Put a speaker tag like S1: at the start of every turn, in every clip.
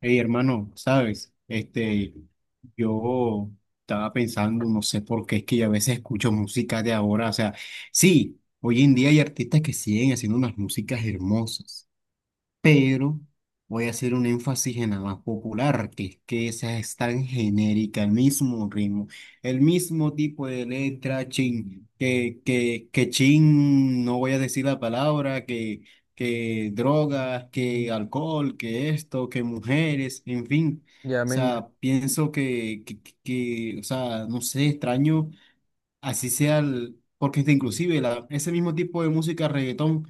S1: Hey, hermano, sabes, yo estaba pensando, no sé por qué es que yo a veces escucho música de ahora, o sea, sí, hoy en día hay artistas que siguen haciendo unas músicas hermosas, pero voy a hacer un énfasis en la más popular, que es que esa es tan genérica, el mismo ritmo, el mismo tipo de letra, chin, que chin, no voy a decir la palabra, que drogas, que alcohol, que esto, que mujeres, en fin.
S2: Ya
S1: O
S2: me, ima-
S1: sea, pienso que, o sea, no sé, extraño, así sea el, porque inclusive la, ese mismo tipo de música, reggaetón,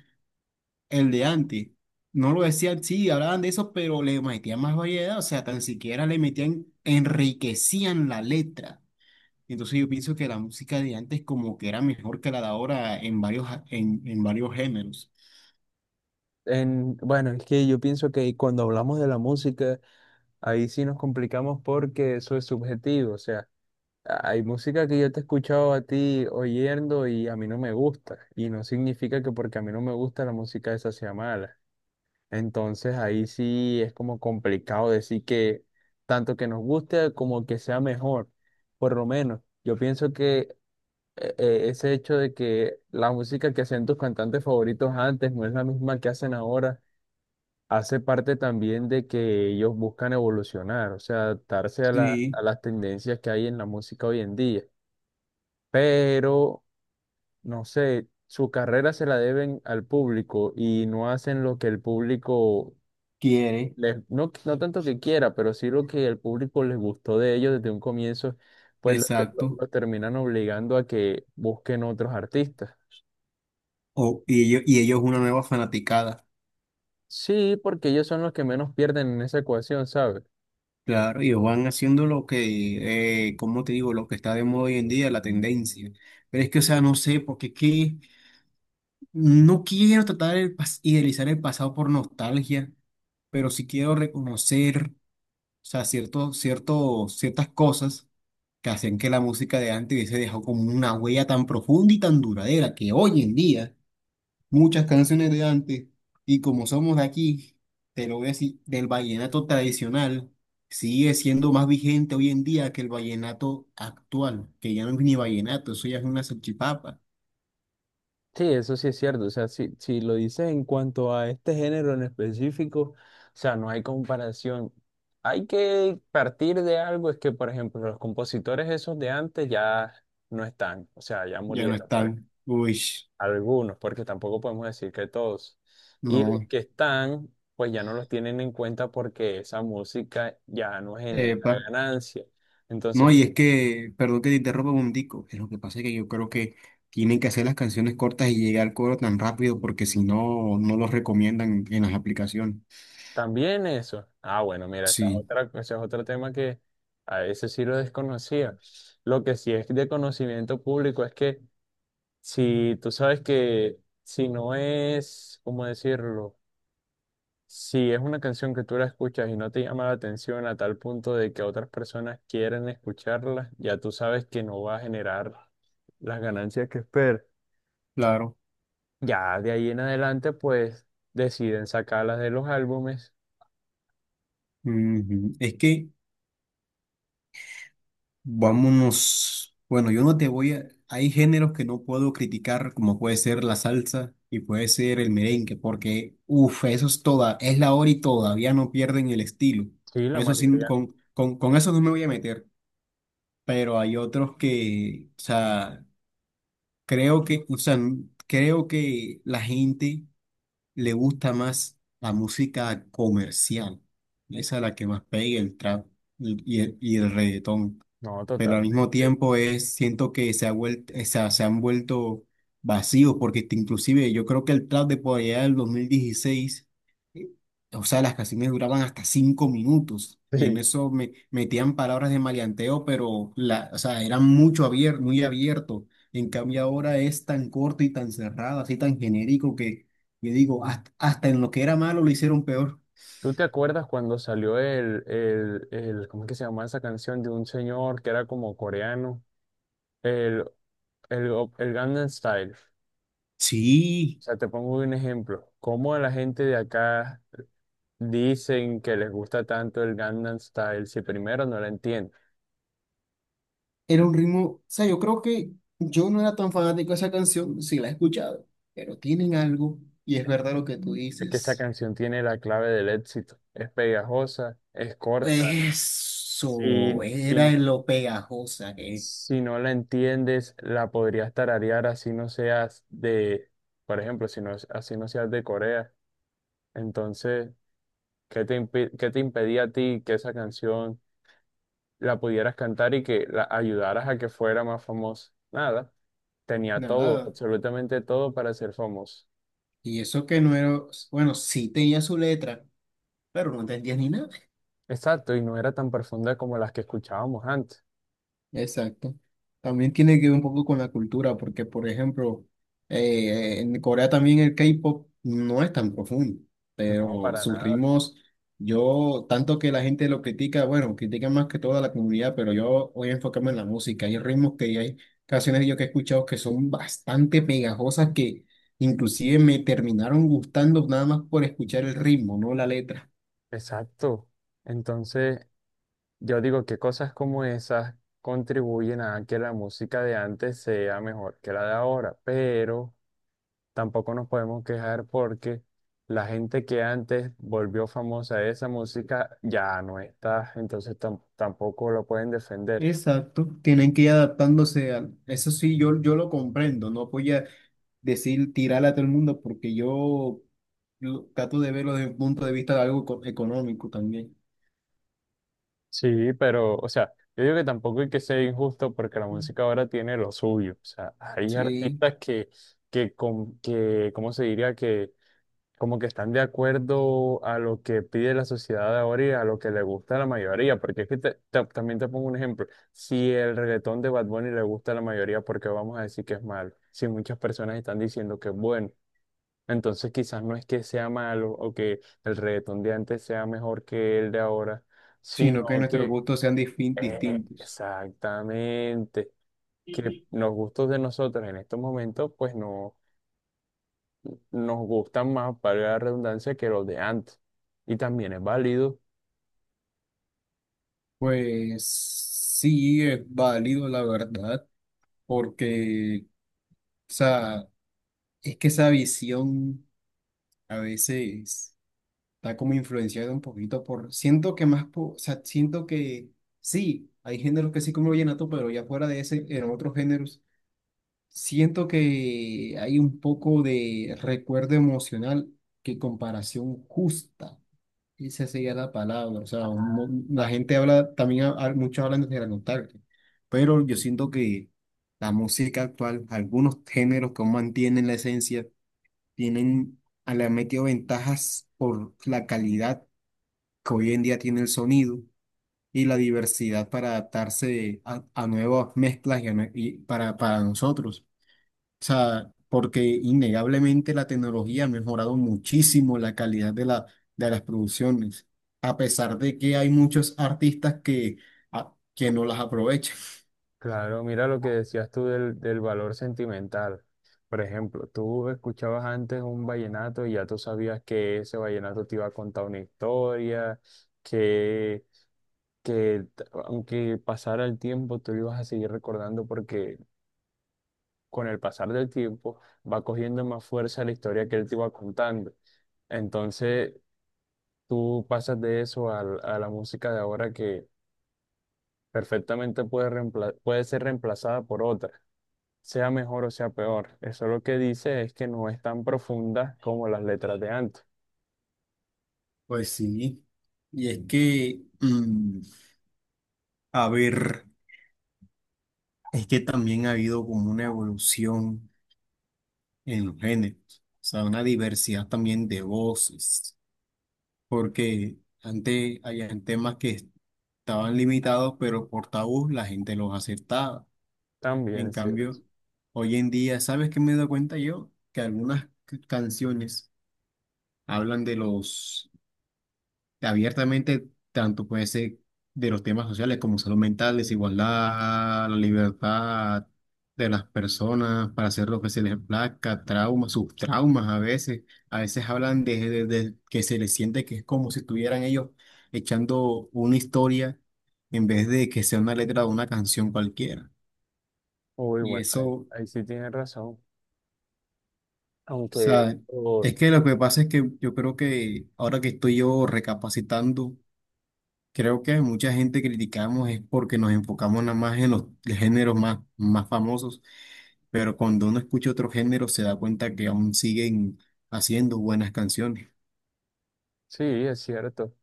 S1: el de antes. No lo decían, sí, hablaban de eso, pero le metían más variedad, o sea, tan siquiera le metían, enriquecían la letra. Entonces yo pienso que la música de antes como que era mejor que la de ahora en varios, en varios géneros.
S2: bueno, es que yo pienso que cuando hablamos de la música, ahí sí nos complicamos porque eso es subjetivo. O sea, hay música que yo te he escuchado a ti oyendo y a mí no me gusta. Y no significa que porque a mí no me gusta la música esa sea mala. Entonces ahí sí es como complicado decir que tanto que nos guste como que sea mejor. Por lo menos, yo pienso que ese hecho de que la música que hacían tus cantantes favoritos antes no es la misma que hacen ahora hace parte también de que ellos buscan evolucionar, o sea, adaptarse a a
S1: Sí,
S2: las tendencias que hay en la música hoy en día. Pero, no sé, su carrera se la deben al público y no hacen lo que el público
S1: quiere,
S2: les, no, no tanto que quiera, pero sí lo que el público les gustó de ellos desde un comienzo, pues
S1: exacto.
S2: los terminan obligando a que busquen otros artistas.
S1: O, y ellos una nueva fanaticada.
S2: Sí, porque ellos son los que menos pierden en esa ecuación, ¿sabes?
S1: Claro, ellos van haciendo lo que, ¿cómo te digo? Lo que está de moda hoy en día, la tendencia. Pero es que, o sea, no sé, porque es que no quiero tratar de idealizar el pasado por nostalgia, pero sí quiero reconocer, o sea, cierto, cierto, ciertas cosas que hacían que la música de antes hubiese dejado como una huella tan profunda y tan duradera que hoy en día muchas canciones de antes, y como somos de aquí, te lo voy a decir, del vallenato tradicional, sigue siendo más vigente hoy en día que el vallenato actual, que ya no es ni vallenato, eso ya es una salchipapa,
S2: Sí, eso sí es cierto. O sea, si lo dices en cuanto a este género en específico, o sea, no hay comparación. Hay que partir de algo, es que, por ejemplo, los compositores esos de antes ya no están, o sea, ya
S1: ya no
S2: murieron,
S1: están, uy,
S2: algunos, porque tampoco podemos decir que todos. Y
S1: no.
S2: los que están, pues ya no los tienen en cuenta porque esa música ya no genera
S1: Epa.
S2: ganancia.
S1: No,
S2: Entonces,
S1: y es que, perdón que te interrumpa un tico, es lo que pasa es que yo creo que tienen que hacer las canciones cortas y llegar al coro tan rápido porque si no, no los recomiendan en las aplicaciones.
S2: también eso. Ah, bueno, mira, esa es
S1: Sí,
S2: otra, ese es otro tema que a veces sí lo desconocía. Lo que sí es de conocimiento público es que si tú sabes que si no es, ¿cómo decirlo? Si es una canción que tú la escuchas y no te llama la atención a tal punto de que otras personas quieren escucharla, ya tú sabes que no va a generar las ganancias que esperas.
S1: claro.
S2: Ya de ahí en adelante, pues deciden sacarlas de los álbumes.
S1: Ujú. Es que vámonos, bueno, yo no te voy a, hay géneros que no puedo criticar como puede ser la salsa y puede ser el merengue porque, uff, eso es toda, es la hora y todavía no pierden el estilo.
S2: Sí, la
S1: Eso sí,
S2: mayoría
S1: con eso no me voy a meter. Pero hay otros que, o sea, creo que, o sea, creo que la gente le gusta más la música comercial, esa es la que más pega, el trap y el reggaetón.
S2: no, no,
S1: Pero al
S2: totalmente.
S1: mismo tiempo es, siento que se ha vuelto, o sea, se han vuelto vacíos, porque inclusive yo creo que el trap de por allá del 2016, eh, o sea, las canciones duraban hasta 5 minutos, y en
S2: Sí.
S1: eso me metían palabras de maleanteo, pero la, o sea, eran mucho muy abierto. En cambio ahora es tan corto y tan cerrado, así tan genérico que yo digo, hasta, hasta en lo que era malo lo hicieron peor.
S2: ¿Tú te acuerdas cuando salió ¿cómo es que se llamaba esa canción de un señor que era como coreano? El, el, el Gangnam Style. O
S1: Sí,
S2: sea, te pongo un ejemplo. ¿Cómo la gente de acá dicen que les gusta tanto el Gangnam Style si primero no la entienden?
S1: era un ritmo, o sea, yo creo que yo no era tan fanático de esa canción, sí la he escuchado, pero tienen algo, y es verdad lo que tú
S2: Es que esa
S1: dices.
S2: canción tiene la clave del éxito. Es pegajosa, es corta.
S1: Eso
S2: Sí, sí,
S1: era
S2: no.
S1: lo pegajosa que es.
S2: Si no la entiendes, la podrías tararear así no seas de, por ejemplo, si no, así no seas de Corea. Entonces, ¿qué te impedía a ti que esa canción la pudieras cantar y que la ayudaras a que fuera más famosa? Nada, tenía todo,
S1: Nada.
S2: absolutamente todo para ser famoso.
S1: Y eso que no era, bueno, sí tenía su letra, pero no entendía ni nada.
S2: Exacto, y no era tan profunda como las que escuchábamos antes.
S1: Exacto. También tiene que ver un poco con la cultura, porque por ejemplo, en Corea también el K-pop no es tan profundo,
S2: No,
S1: pero
S2: para
S1: sus
S2: nada.
S1: ritmos, yo, tanto que la gente lo critica, bueno, critica más que toda la comunidad, pero yo voy a enfocarme en la música. Hay ritmos, que hay canciones yo que he escuchado que son bastante pegajosas que inclusive me terminaron gustando nada más por escuchar el ritmo, no la letra.
S2: Exacto. Entonces, yo digo que cosas como esas contribuyen a que la música de antes sea mejor que la de ahora, pero tampoco nos podemos quejar porque la gente que antes volvió famosa de esa música ya no está, entonces tampoco lo pueden defender.
S1: Exacto, tienen que ir adaptándose al... Eso sí, yo lo comprendo, no voy a decir tirarle a todo el mundo porque yo trato de verlo desde un punto de vista de algo económico también.
S2: Sí, pero, o sea, yo digo que tampoco hay que ser injusto porque la música ahora tiene lo suyo, o sea, hay
S1: Sí.
S2: artistas que, ¿cómo se diría? Como que están de acuerdo a lo que pide la sociedad de ahora y a lo que le gusta a la mayoría, porque es que también te pongo un ejemplo, si el reggaetón de Bad Bunny le gusta a la mayoría, ¿por qué vamos a decir que es malo? Si muchas personas están diciendo que es bueno, entonces quizás no es que sea malo o que el reggaetón de antes sea mejor que el de ahora,
S1: Sino que
S2: sino
S1: nuestros
S2: que
S1: gustos sean distintos.
S2: exactamente que los gustos de nosotros en estos momentos pues no nos gustan más, para la redundancia, que los de antes. Y también es válido.
S1: Pues sí, es válido, la verdad, porque, o sea, es que esa visión a veces... está como influenciado un poquito por, siento que más, o sea, siento que sí, hay géneros que sí, como el vallenato, pero ya fuera de ese, en otros géneros, siento que hay un poco de recuerdo emocional que comparación justa, esa sería la palabra, o sea, la
S2: Ah,
S1: gente habla, también muchos hablan de la nostalgia, pero yo siento que la música actual, algunos géneros que aún mantienen la esencia, tienen, le han metido ventajas por la calidad que hoy en día tiene el sonido y la diversidad para adaptarse a nuevas mezclas y, a y para nosotros. O sea, porque innegablemente la tecnología ha mejorado muchísimo la calidad de la, de las producciones, a pesar de que hay muchos artistas que, que no las aprovechan.
S2: Claro, mira lo que decías tú del, del valor sentimental. Por ejemplo, tú escuchabas antes un vallenato y ya tú sabías que ese vallenato te iba a contar una historia, que, que aunque pasara el tiempo, tú lo ibas a seguir recordando porque con el pasar del tiempo va cogiendo más fuerza la historia que él te iba contando. Entonces, tú pasas de eso a la música de ahora que perfectamente puede ser reemplazada por otra, sea mejor o sea peor. Eso lo que dice es que no es tan profunda como las letras de antes.
S1: Pues sí, y es que, mm, a ver, es que también ha habido como una evolución en los géneros, o sea, una diversidad también de voces, porque antes habían temas que estaban limitados, pero por tabú la gente los aceptaba.
S2: También
S1: En
S2: es cierto.
S1: cambio, hoy en día, ¿sabes qué me doy cuenta yo? Que algunas canciones hablan de los abiertamente, tanto puede ser de los temas sociales como salud mental, desigualdad, la libertad de las personas para hacer lo que se les plazca, traumas, sus traumas a veces. A veces hablan de, de que se les siente que es como si estuvieran ellos echando una historia en vez de que sea una letra de una canción cualquiera.
S2: Uy,
S1: Y
S2: bueno,
S1: eso,
S2: ahí,
S1: o
S2: ahí sí tienes razón. Aunque
S1: sea,
S2: oh,
S1: es que lo que pasa es que yo creo que ahora que estoy yo recapacitando, creo que mucha gente criticamos es porque nos enfocamos nada más en los géneros más, más famosos, pero cuando uno escucha otro género se da cuenta que aún siguen haciendo buenas canciones.
S2: sí, es cierto.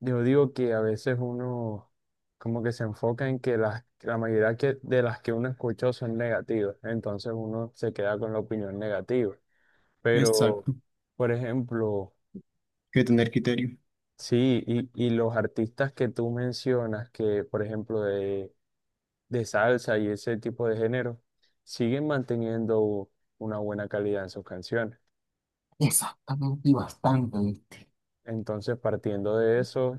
S2: Yo digo que a veces uno como que se enfoca en que la mayoría que, de las que uno escuchó son negativas. Entonces uno se queda con la opinión negativa. Pero,
S1: Exacto,
S2: por ejemplo,
S1: que tener criterio.
S2: sí, y los artistas que tú mencionas, que por ejemplo de salsa y ese tipo de género, siguen manteniendo una buena calidad en sus canciones. Entonces, partiendo de eso,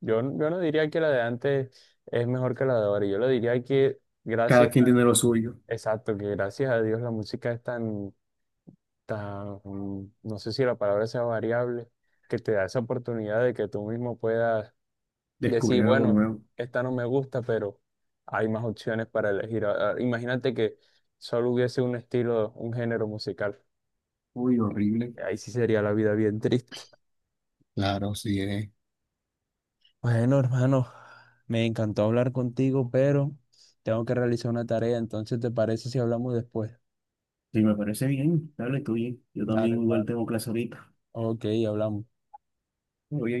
S2: yo no diría que la de antes es mejor que la de ahora. Yo lo diría que gracias,
S1: Cada quien tiene lo suyo.
S2: exacto, que gracias a Dios la música es tan, tan, no sé si la palabra sea variable, que te da esa oportunidad de que tú mismo puedas decir,
S1: Descubrir algo
S2: bueno,
S1: nuevo.
S2: esta no me gusta, pero hay más opciones para elegir. Imagínate que solo hubiese un estilo, un género musical.
S1: Uy, horrible.
S2: Ahí sí sería la vida bien triste.
S1: Claro, sí es.
S2: Bueno, hermano, me encantó hablar contigo, pero tengo que realizar una tarea, entonces ¿te parece si hablamos después?
S1: Sí, me parece bien. Dale, tú bien. Yo
S2: Dale,
S1: también igual
S2: hermano.
S1: tengo clase ahorita.
S2: Ok, hablamos.
S1: Oye,